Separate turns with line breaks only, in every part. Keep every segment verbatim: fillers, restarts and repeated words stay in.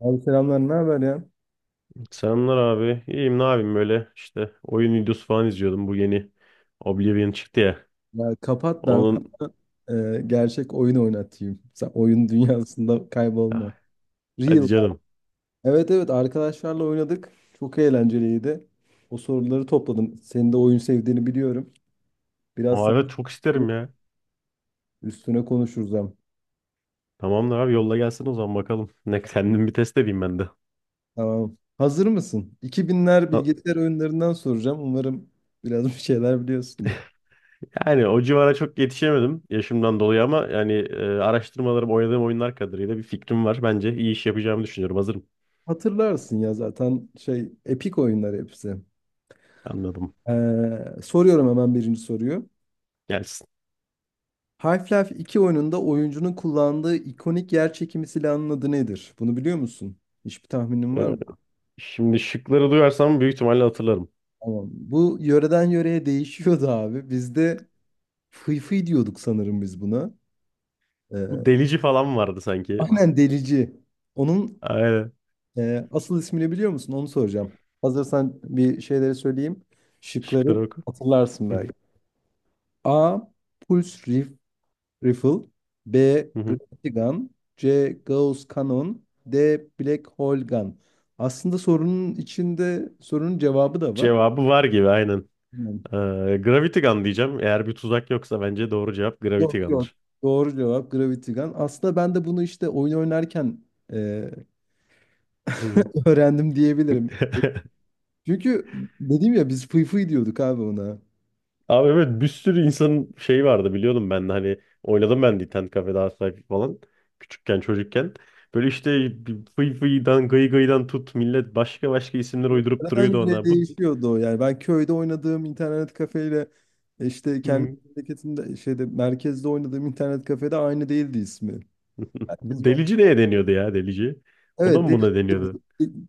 Abi selamlar, ne haber ya?
Selamlar abi. İyiyim ne yapayım böyle işte oyun videosu falan izliyordum. Bu yeni Oblivion çıktı ya.
Ya kapat ben
Onun
sana e, gerçek oyun oynatayım. Sen oyun dünyasında kaybolma.
Ah, hadi
Real.
canım.
Evet evet, arkadaşlarla oynadık. Çok eğlenceliydi. O soruları topladım. Senin de oyun sevdiğini biliyorum. Biraz
Aa,
sana
evet çok isterim ya.
üstüne konuşuruz hem.
Tamamdır abi yolla gelsin o zaman bakalım. Ne kendim bir test edeyim ben de.
Tamam. Hazır mısın? iki binler
Ha,
bilgisayar oyunlarından soracağım. Umarım biraz bir şeyler biliyorsundur.
Yani o civara çok yetişemedim yaşımdan dolayı ama yani e, araştırmalarım oynadığım oyunlar kadarıyla bir fikrim var. Bence iyi iş yapacağımı düşünüyorum. Hazırım.
Hatırlarsın ya zaten şey, epik oyunlar hepsi.
Anladım.
Ee, soruyorum hemen birinci soruyu.
Gelsin.
Half-Life iki oyununda oyuncunun kullandığı ikonik yer çekimi silahının adı nedir? Bunu biliyor musun? Hiçbir tahminin var
Ee,
mı?
Şimdi şıkları duyarsam büyük ihtimalle hatırlarım.
Tamam. Bu yöreden yöreye değişiyordu abi. Bizde fıy fıy diyorduk sanırım biz buna. Ee,
Bu delici falan vardı sanki.
aynen, delici. Onun
Aynen.
e, asıl ismini biliyor musun? Onu soracağım. Hazırsan bir şeyleri söyleyeyim. Şıkları
Şıklara oku.
hatırlarsın
Hı hı.
belki. A. Pulse Rifle, B.
Hı hı.
Gravity Gun, C. Gauss Cannon, D. Black Hole Gun. Aslında sorunun içinde sorunun cevabı da var.
Cevabı var gibi aynen.
Hmm.
Ee, Gravity Gun diyeceğim. Eğer bir tuzak yoksa bence doğru cevap Gravity
Yok yok.
Gun'dır.
Doğru cevap Gravity Gun. Aslında ben de bunu işte oyun oynarken e,
Hmm.
öğrendim diyebilirim. Çünkü dedim ya, biz fıy fıy diyorduk abi ona.
Abi evet bir sürü insanın şeyi vardı biliyordum ben de hani oynadım ben de internet kafede Half-Life falan küçükken çocukken. Böyle işte bir fıy fıydan gıy gıydan tut millet başka başka isimler uydurup
Yöreden
duruyordu
yöreye
ona. Bu,
değişiyordu o yani. Ben köyde oynadığım internet kafeyle e, işte kendi
hmm,
memleketimde şeyde merkezde oynadığım internet kafede aynı değildi ismi. Herkes
bu delici neye deniyordu ya delici? O da
evet,
mı
delici
buna
de bir,
deniyordu?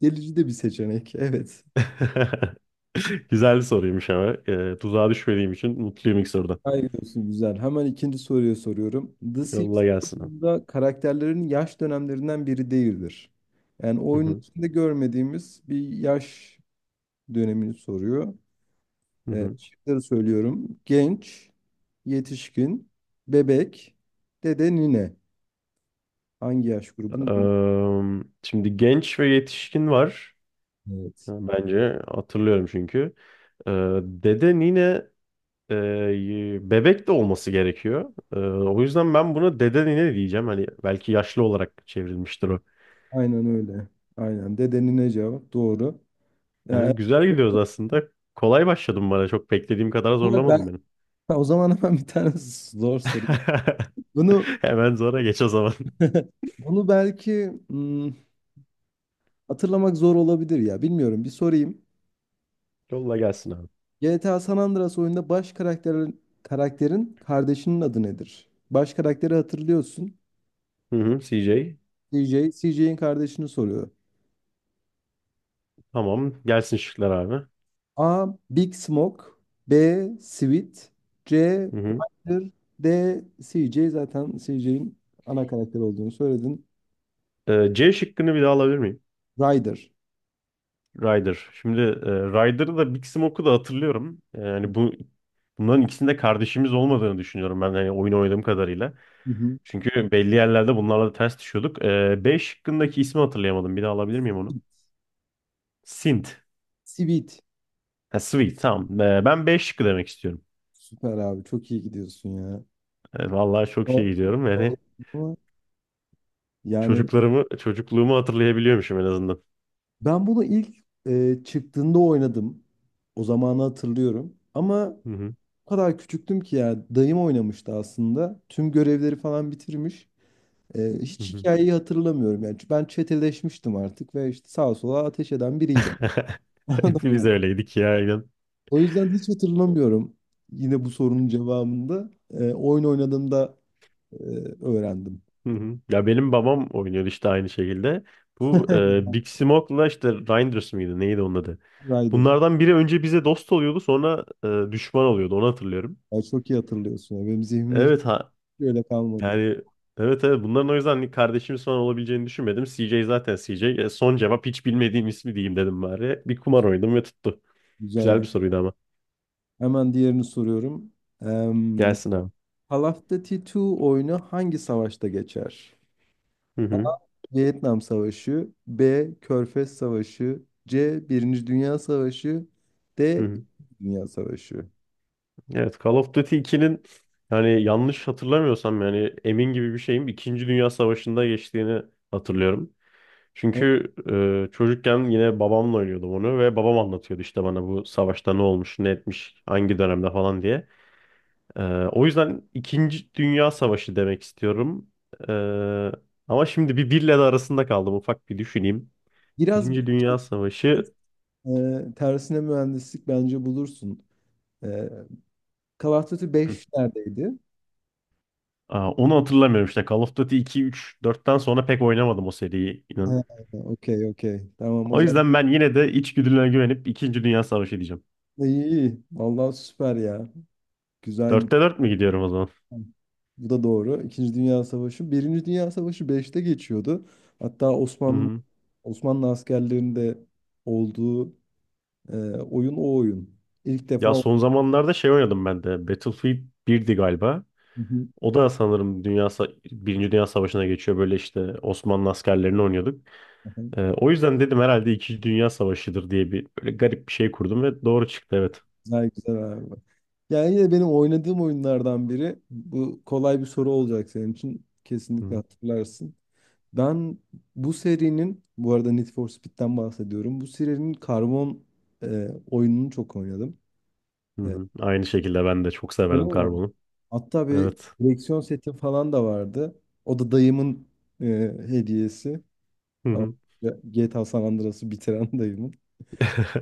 delici de bir seçenek. Evet.
Güzel bir soruymuş ama. Ee, tuzağa düşmediğim için mutluyum ilk sorudan.
Hayır olsun, güzel. Hemen ikinci soruyu soruyorum. The
Yolla gelsin abi.
Simpsons'da karakterlerin yaş dönemlerinden biri değildir. Yani oyunun içinde görmediğimiz bir yaş dönemini soruyor.
Hı
Ee,
hı.
şıkları söylüyorum. Genç, yetişkin, bebek, dede, nine. Hangi yaş grubunu görüyoruz?
Eee, şimdi genç ve yetişkin var.
Evet.
Bence hatırlıyorum çünkü. Eee deden yine eee, bebek de olması gerekiyor. Eee, o yüzden ben buna dede nine diyeceğim. Hani belki yaşlı olarak çevrilmiştir o.
Aynen öyle. Aynen. Dede, nine cevap. Doğru. Yani,
Yani güzel gidiyoruz aslında. Kolay başladım bana. Çok beklediğim kadar
ben,
zorlamadım benim.
O zaman hemen bir tane zor soru. Bunu
Hemen zora geç o zaman.
bunu belki hmm, hatırlamak zor olabilir ya. Bilmiyorum. Bir sorayım.
Yolla gelsin abi.
G T A San Andreas oyunda baş karakterin karakterin kardeşinin adı nedir? Baş karakteri hatırlıyorsun.
Hı hı, C J.
C J, C J'in kardeşini soruyor.
Tamam. Gelsin şıklar abi.
A. Big Smoke, B. Sweet, C.
Hı hı.
Ryder, D. C J zaten, C J'in ana karakter olduğunu söyledin.
Eee, C şıkkını bir daha alabilir miyim?
Ryder.
Ryder. Şimdi e, Ryder'ı da Big Smoke'u da hatırlıyorum. E, Yani bu bunların ikisinde kardeşimiz olmadığını düşünüyorum ben yani oyun oynadığım kadarıyla.
Hı hı.
Çünkü belli yerlerde bunlarla da ters düşüyorduk. E, B şıkkındaki ismi hatırlayamadım. Bir daha alabilir miyim onu? Sint.
Sweet.
Ha, Sweet tamam. E, ben B şıkkı demek istiyorum.
Süper abi. Çok iyi gidiyorsun ya.
E, vallahi çok
O-
iyi gidiyorum. Yani
o- Yani
çocuklarımı, çocukluğumu hatırlayabiliyormuşum en azından.
Ben bunu ilk e, çıktığında oynadım. O zamanı hatırlıyorum. Ama
Hı hı,
o kadar küçüktüm ki ya, dayım oynamıştı aslında. Tüm görevleri falan bitirmiş. E,
hı
hiç
hı.
hikayeyi hatırlamıyorum. Yani ben çeteleşmiştim artık ve işte sağa sola ateş eden biriydim. Anladın
Hepimiz
mı?
öyleydik ya.
O yüzden hiç hatırlamıyorum. Yine bu sorunun cevabında e, oyun oynadığımda e, öğrendim.
Hı hı. Ya benim babam oynuyor işte aynı şekilde. Bu e, Big Smoke'la işte Reinders mıydı neydi onun adı?
Rider.
Bunlardan biri önce bize dost oluyordu sonra e, düşman oluyordu onu hatırlıyorum.
Ya çok iyi hatırlıyorsun ya. Benim zihnimde hiç
Evet ha
öyle kalmadı.
yani evet evet bunların o yüzden hani kardeşimiz falan olabileceğini düşünmedim. C J zaten C J. E, son cevap hiç bilmediğim ismi diyeyim dedim bari. Bir kumar oynadım ve tuttu.
Güzel
Güzel bir
güzel.
soruydu ama.
Hemen diğerini soruyorum. Em,
Gelsin abi.
Call of Duty iki oyunu hangi savaşta geçer?
Hı hı.
Vietnam Savaşı, B. Körfez Savaşı, C. Birinci Dünya Savaşı, D.
Hı
İkinci
hı.
Dünya Savaşı.
Evet Call of Duty ikinin yani yanlış hatırlamıyorsam yani emin gibi bir şeyim İkinci Dünya Savaşı'nda geçtiğini hatırlıyorum. Çünkü e, çocukken yine babamla oynuyordum onu ve babam anlatıyordu işte bana bu savaşta ne olmuş, ne etmiş, hangi dönemde falan diye. E, O yüzden İkinci Dünya Savaşı demek istiyorum. E, Ama şimdi bir birle de arasında kaldım ufak bir düşüneyim.
Biraz
Birinci Dünya Savaşı
e, tersine mühendislik bence bulursun. E, Call of Duty
Hı.
beş neredeydi?
Aa, onu hatırlamıyorum işte Call of Duty iki, üç, dörtten sonra pek oynamadım o seriyi.
Ha,
İnan.
okey okey. Tamam o
O
zaman,
yüzden ben yine de içgüdülerine güvenip İkinci Dünya Savaşı diyeceğim.
iyi iyi. Vallahi süper ya. Güzel.
Dörtte dört mü gidiyorum o zaman?
Bu da doğru. İkinci Dünya Savaşı. Birinci Dünya Savaşı beşte geçiyordu. Hatta
Hı
Osmanlı
hı.
Osmanlı askerlerinde olduğu e, oyun o oyun. İlk defa
Ya
o-
son zamanlarda şey oynadım ben de. Battlefield birdi galiba.
Hı hı,
O da sanırım Dünya Sa- Birinci Dünya Savaşı'na geçiyor. Böyle işte Osmanlı askerlerini oynuyorduk.
hı hı.
Ee, o yüzden dedim herhalde İkinci Dünya Savaşı'dır diye bir böyle garip bir şey kurdum ve doğru çıktı evet.
Güzel güzel abi. Yani yine benim oynadığım oyunlardan biri. Bu kolay bir soru olacak senin için.
Hı
Kesinlikle
hı.
hatırlarsın. Ben bu serinin, bu arada Need for Speed'den bahsediyorum. Bu serinin karbon e, oyununu çok oynadım.
Hı hı. Aynı şekilde ben de çok
Öyle
severdim
mi?
karbonu.
Hatta bir
Evet.
direksiyon seti falan da vardı. O da dayımın e, hediyesi.
Hı
O
hı.
G T A San Andreas'ı bitiren dayımın.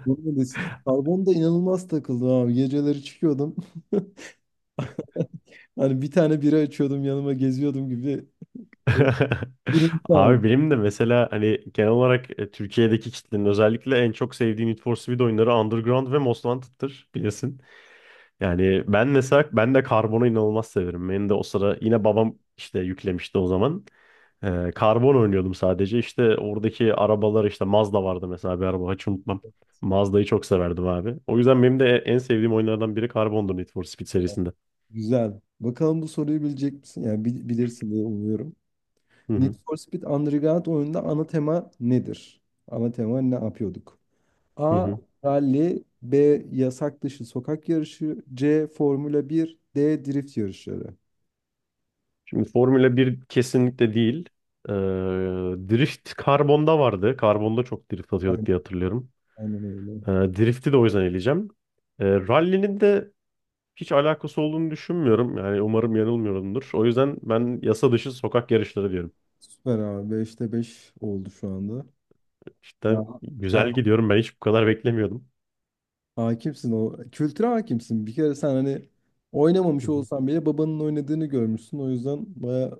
Bunun öncesi Karbon da inanılmaz takıldı abi. Geceleri çıkıyordum. Hani bir tane bira açıyordum yanıma, geziyordum gibi e, durum vardı.
Abi benim de mesela hani genel olarak e, Türkiye'deki kitlenin özellikle en çok sevdiği Need for Speed oyunları Underground ve Most Wanted'tır bilirsin. Yani ben mesela ben de Carbon'u inanılmaz severim. Benim de o sıra yine babam işte yüklemişti o zaman. Ee, Carbon oynuyordum sadece. İşte oradaki arabalar işte Mazda vardı mesela bir araba hiç unutmam. Mazda'yı çok severdim abi. O yüzden benim de en sevdiğim oyunlardan biri Carbon'dur Need for Speed serisinde.
Güzel. Bakalım bu soruyu bilecek misin? Yani bil- bilirsin diye umuyorum.
Hı
Need
hı.
for Speed Underground oyununda ana tema nedir? Ana tema ne yapıyorduk?
Hı
A.
hı.
Rally, B. Yasak dışı sokak yarışı, C. Formula bir, D. Drift yarışları.
Şimdi Formula bir kesinlikle değil. Ee, Drift karbonda vardı. Karbonda çok drift atıyorduk
Aynen,
diye hatırlıyorum.
aynen öyle.
Ee, drift'i de o yüzden eleyeceğim. Ee, rally'nin de hiç alakası olduğunu düşünmüyorum. Yani umarım yanılmıyorumdur. O yüzden ben yasa dışı sokak yarışları diyorum.
Süper abi. Beşte beş oldu şu anda. Ya
İşte
ha-
güzel gidiyorum. Ben hiç bu kadar beklemiyordum.
hakimsin o. Kültüre hakimsin. Bir kere sen hani oynamamış olsan bile babanın oynadığını görmüşsün. O yüzden baya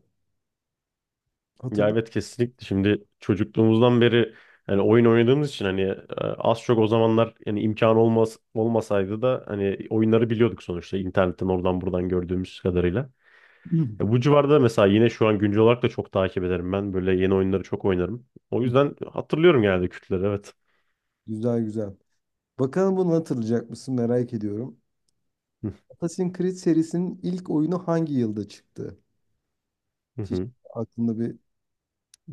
Ya
hatırlıyorsun.
evet kesinlikle şimdi çocukluğumuzdan beri hani oyun oynadığımız için hani e, az çok o zamanlar yani imkan olmaz olmasaydı da hani oyunları biliyorduk sonuçta internetten oradan buradan gördüğümüz kadarıyla. E, bu civarda mesela yine şu an güncel olarak da çok takip ederim ben böyle yeni oyunları çok oynarım. O yüzden hatırlıyorum genelde kütleri evet.
Güzel güzel. Bakalım bunu hatırlayacak mısın, merak ediyorum.
Hı
Assassin's Creed serisinin ilk oyunu hangi yılda çıktı?
hı.
Hiç
hı.
aklında bir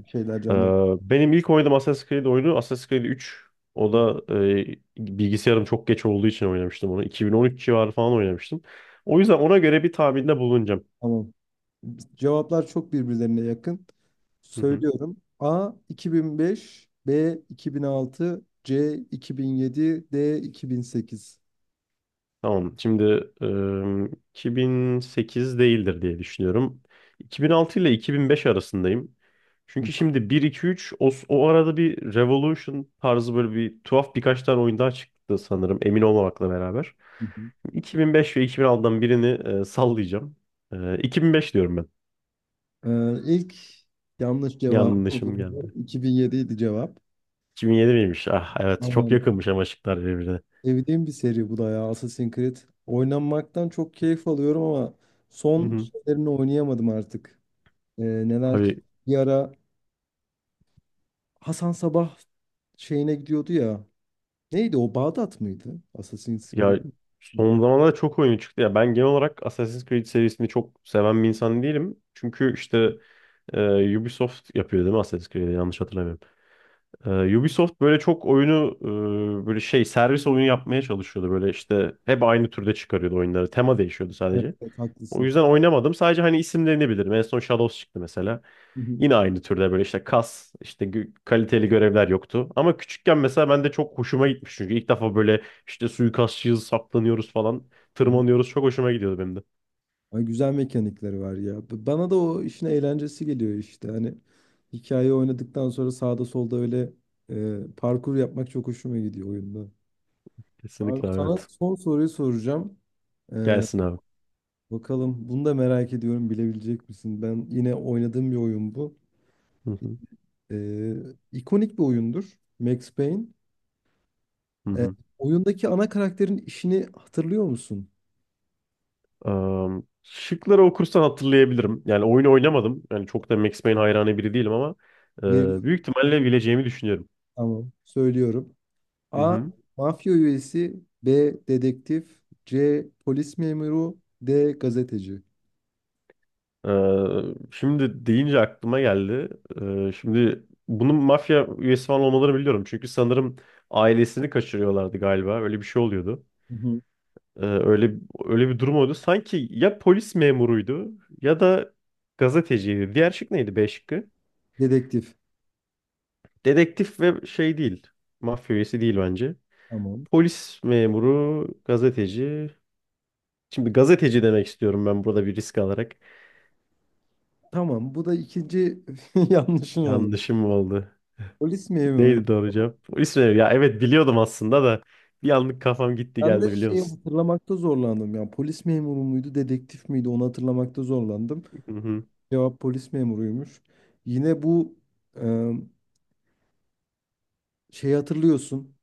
şeyler
Ee,
canlandı.
benim ilk oynadığım Assassin's Creed oyunu Assassin's Creed üç. O da e, bilgisayarım çok geç olduğu için oynamıştım onu. iki bin on üç civarı falan oynamıştım. O yüzden ona göre bir tahminde bulunacağım.
Tamam. Cevaplar çok birbirlerine yakın.
Hı hı.
Söylüyorum. A iki bin beş, B iki bin altı, C iki bin yedi, D iki bin sekiz.
Tamam. Şimdi e, iki bin sekiz değildir diye düşünüyorum. iki bin altı ile iki bin beş arasındayım. Çünkü şimdi bir iki üç o, o arada bir Revolution tarzı böyle bir tuhaf birkaç tane oyun daha çıktı sanırım emin olmamakla beraber. iki bin beş ve iki bin altıdan birini e, sallayacağım. E, iki bin beş diyorum ben.
Ee, ilk yanlış cevap oldu.
Yanlışım geldi.
iki bin yedi idi cevap.
iki bin yedi miymiş? Ah evet çok
Aynen.
yakınmış ama şıklar birbirine.
Evdiğim bir seri bu da ya, Assassin's Creed. Oynanmaktan çok keyif alıyorum ama
Hı
son
hı.
şeylerini oynayamadım artık. Ee, neler çıktı?
Abi
Bir ara Hasan Sabah şeyine gidiyordu ya. Neydi o? Bağdat mıydı? Assassin's Creed.
ya son zamanlarda çok oyunu çıktı. Ya ben genel olarak Assassin's Creed serisini çok seven bir insan değilim. Çünkü işte e, Ubisoft yapıyor değil mi Assassin's Creed'i yanlış hatırlamıyorum. E, Ubisoft böyle çok oyunu e, böyle şey servis oyunu yapmaya çalışıyordu. Böyle işte hep aynı türde çıkarıyordu oyunları. Tema değişiyordu
Evet,
sadece.
evet,
O
haklısın.
yüzden oynamadım. Sadece hani isimlerini bilirim. En son Shadows çıktı mesela.
Hı hı,
Yine aynı türde böyle işte kas, işte gü- kaliteli görevler yoktu. Ama küçükken mesela ben de çok hoşuma gitmiş. Çünkü ilk defa böyle işte suikastçıyız, saklanıyoruz falan,
hı hı.
tırmanıyoruz. Çok hoşuma gidiyordu benim de.
Ay, güzel mekanikleri var ya. B- Bana da o işin eğlencesi geliyor işte. Hani hikaye oynadıktan sonra sağda solda öyle e, parkur yapmak çok hoşuma gidiyor oyunda. Abi
Kesinlikle
sana
evet.
son soruyu soracağım. Ee,
Gelsin abi.
Bakalım bunu da merak ediyorum, bilebilecek misin? Ben yine oynadığım bir oyun bu.
Hı hı,
Ee, ikonik bir oyundur Max Payne.
hı
Ee,
hı.
Oyundaki ana karakterin işini hatırlıyor musun?
Am, şıkları okursan hatırlayabilirim. Yani oyunu oynamadım. Yani çok da Max Payne hayranı biri değilim ama e,
Ve
büyük ihtimalle bileceğimi düşünüyorum.
tamam, söylüyorum.
Hı
A.
hı.
Mafya üyesi, B. Dedektif, C. Polis memuru, D. Gazeteci.
Ee, Şimdi deyince aklıma geldi. Ee, şimdi bunun mafya üyesi falan olmalarını biliyorum. Çünkü sanırım ailesini kaçırıyorlardı galiba. Öyle bir şey oluyordu.
Hı hı.
Ee, öyle öyle bir durum oldu. Sanki ya polis memuruydu ya da gazeteciydi. Diğer şık neydi? B şıkkı.
Dedektif.
Dedektif ve şey değil. Mafya üyesi değil bence.
Tamam.
Polis memuru, gazeteci. Şimdi gazeteci demek istiyorum ben burada bir risk alarak.
Tamam. Bu da ikinci yanlışın oldu.
Yanlışım oldu.
Polis memuruydu.
Neydi doğru cevap? İsveç. Ya evet biliyordum aslında da bir anlık kafam gitti
Ben de
geldi biliyor
şeyi
musun?
hatırlamakta zorlandım. Yani polis memuru muydu, dedektif miydi onu hatırlamakta zorlandım.
Hı hı.
Cevap polis memuruymuş. Yine bu e, şeyi hatırlıyorsun.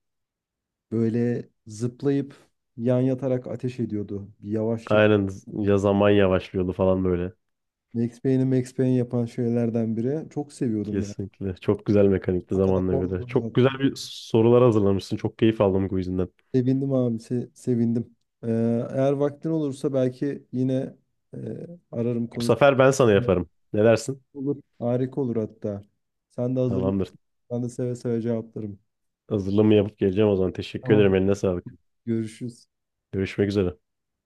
Böyle zıplayıp yan yatarak ateş ediyordu. Bir yavaş çek.
Aynen ya zaman yavaşlıyordu falan böyle.
Max Payne'i Max Payne yapan şeylerden biri. Çok seviyordum ya.
Kesinlikle. Çok güzel mekanikti
O kadar
zamanla göre.
oldu.
Çok güzel bir sorular hazırlamışsın. Çok keyif aldım bu yüzünden.
Sevindim abi, se- sevindim. Ee, Eğer vaktin olursa belki yine e, ararım
Bu
konuşurum.
sefer ben sana yaparım. Ne dersin?
Olur. Harika olur hatta. Sen de hazırlan.
Tamamdır.
Ben de seve seve cevaplarım.
Hazırlığımı yapıp geleceğim o zaman. Teşekkür
Tamam.
ederim. Eline sağlık.
Görüşürüz.
Görüşmek üzere.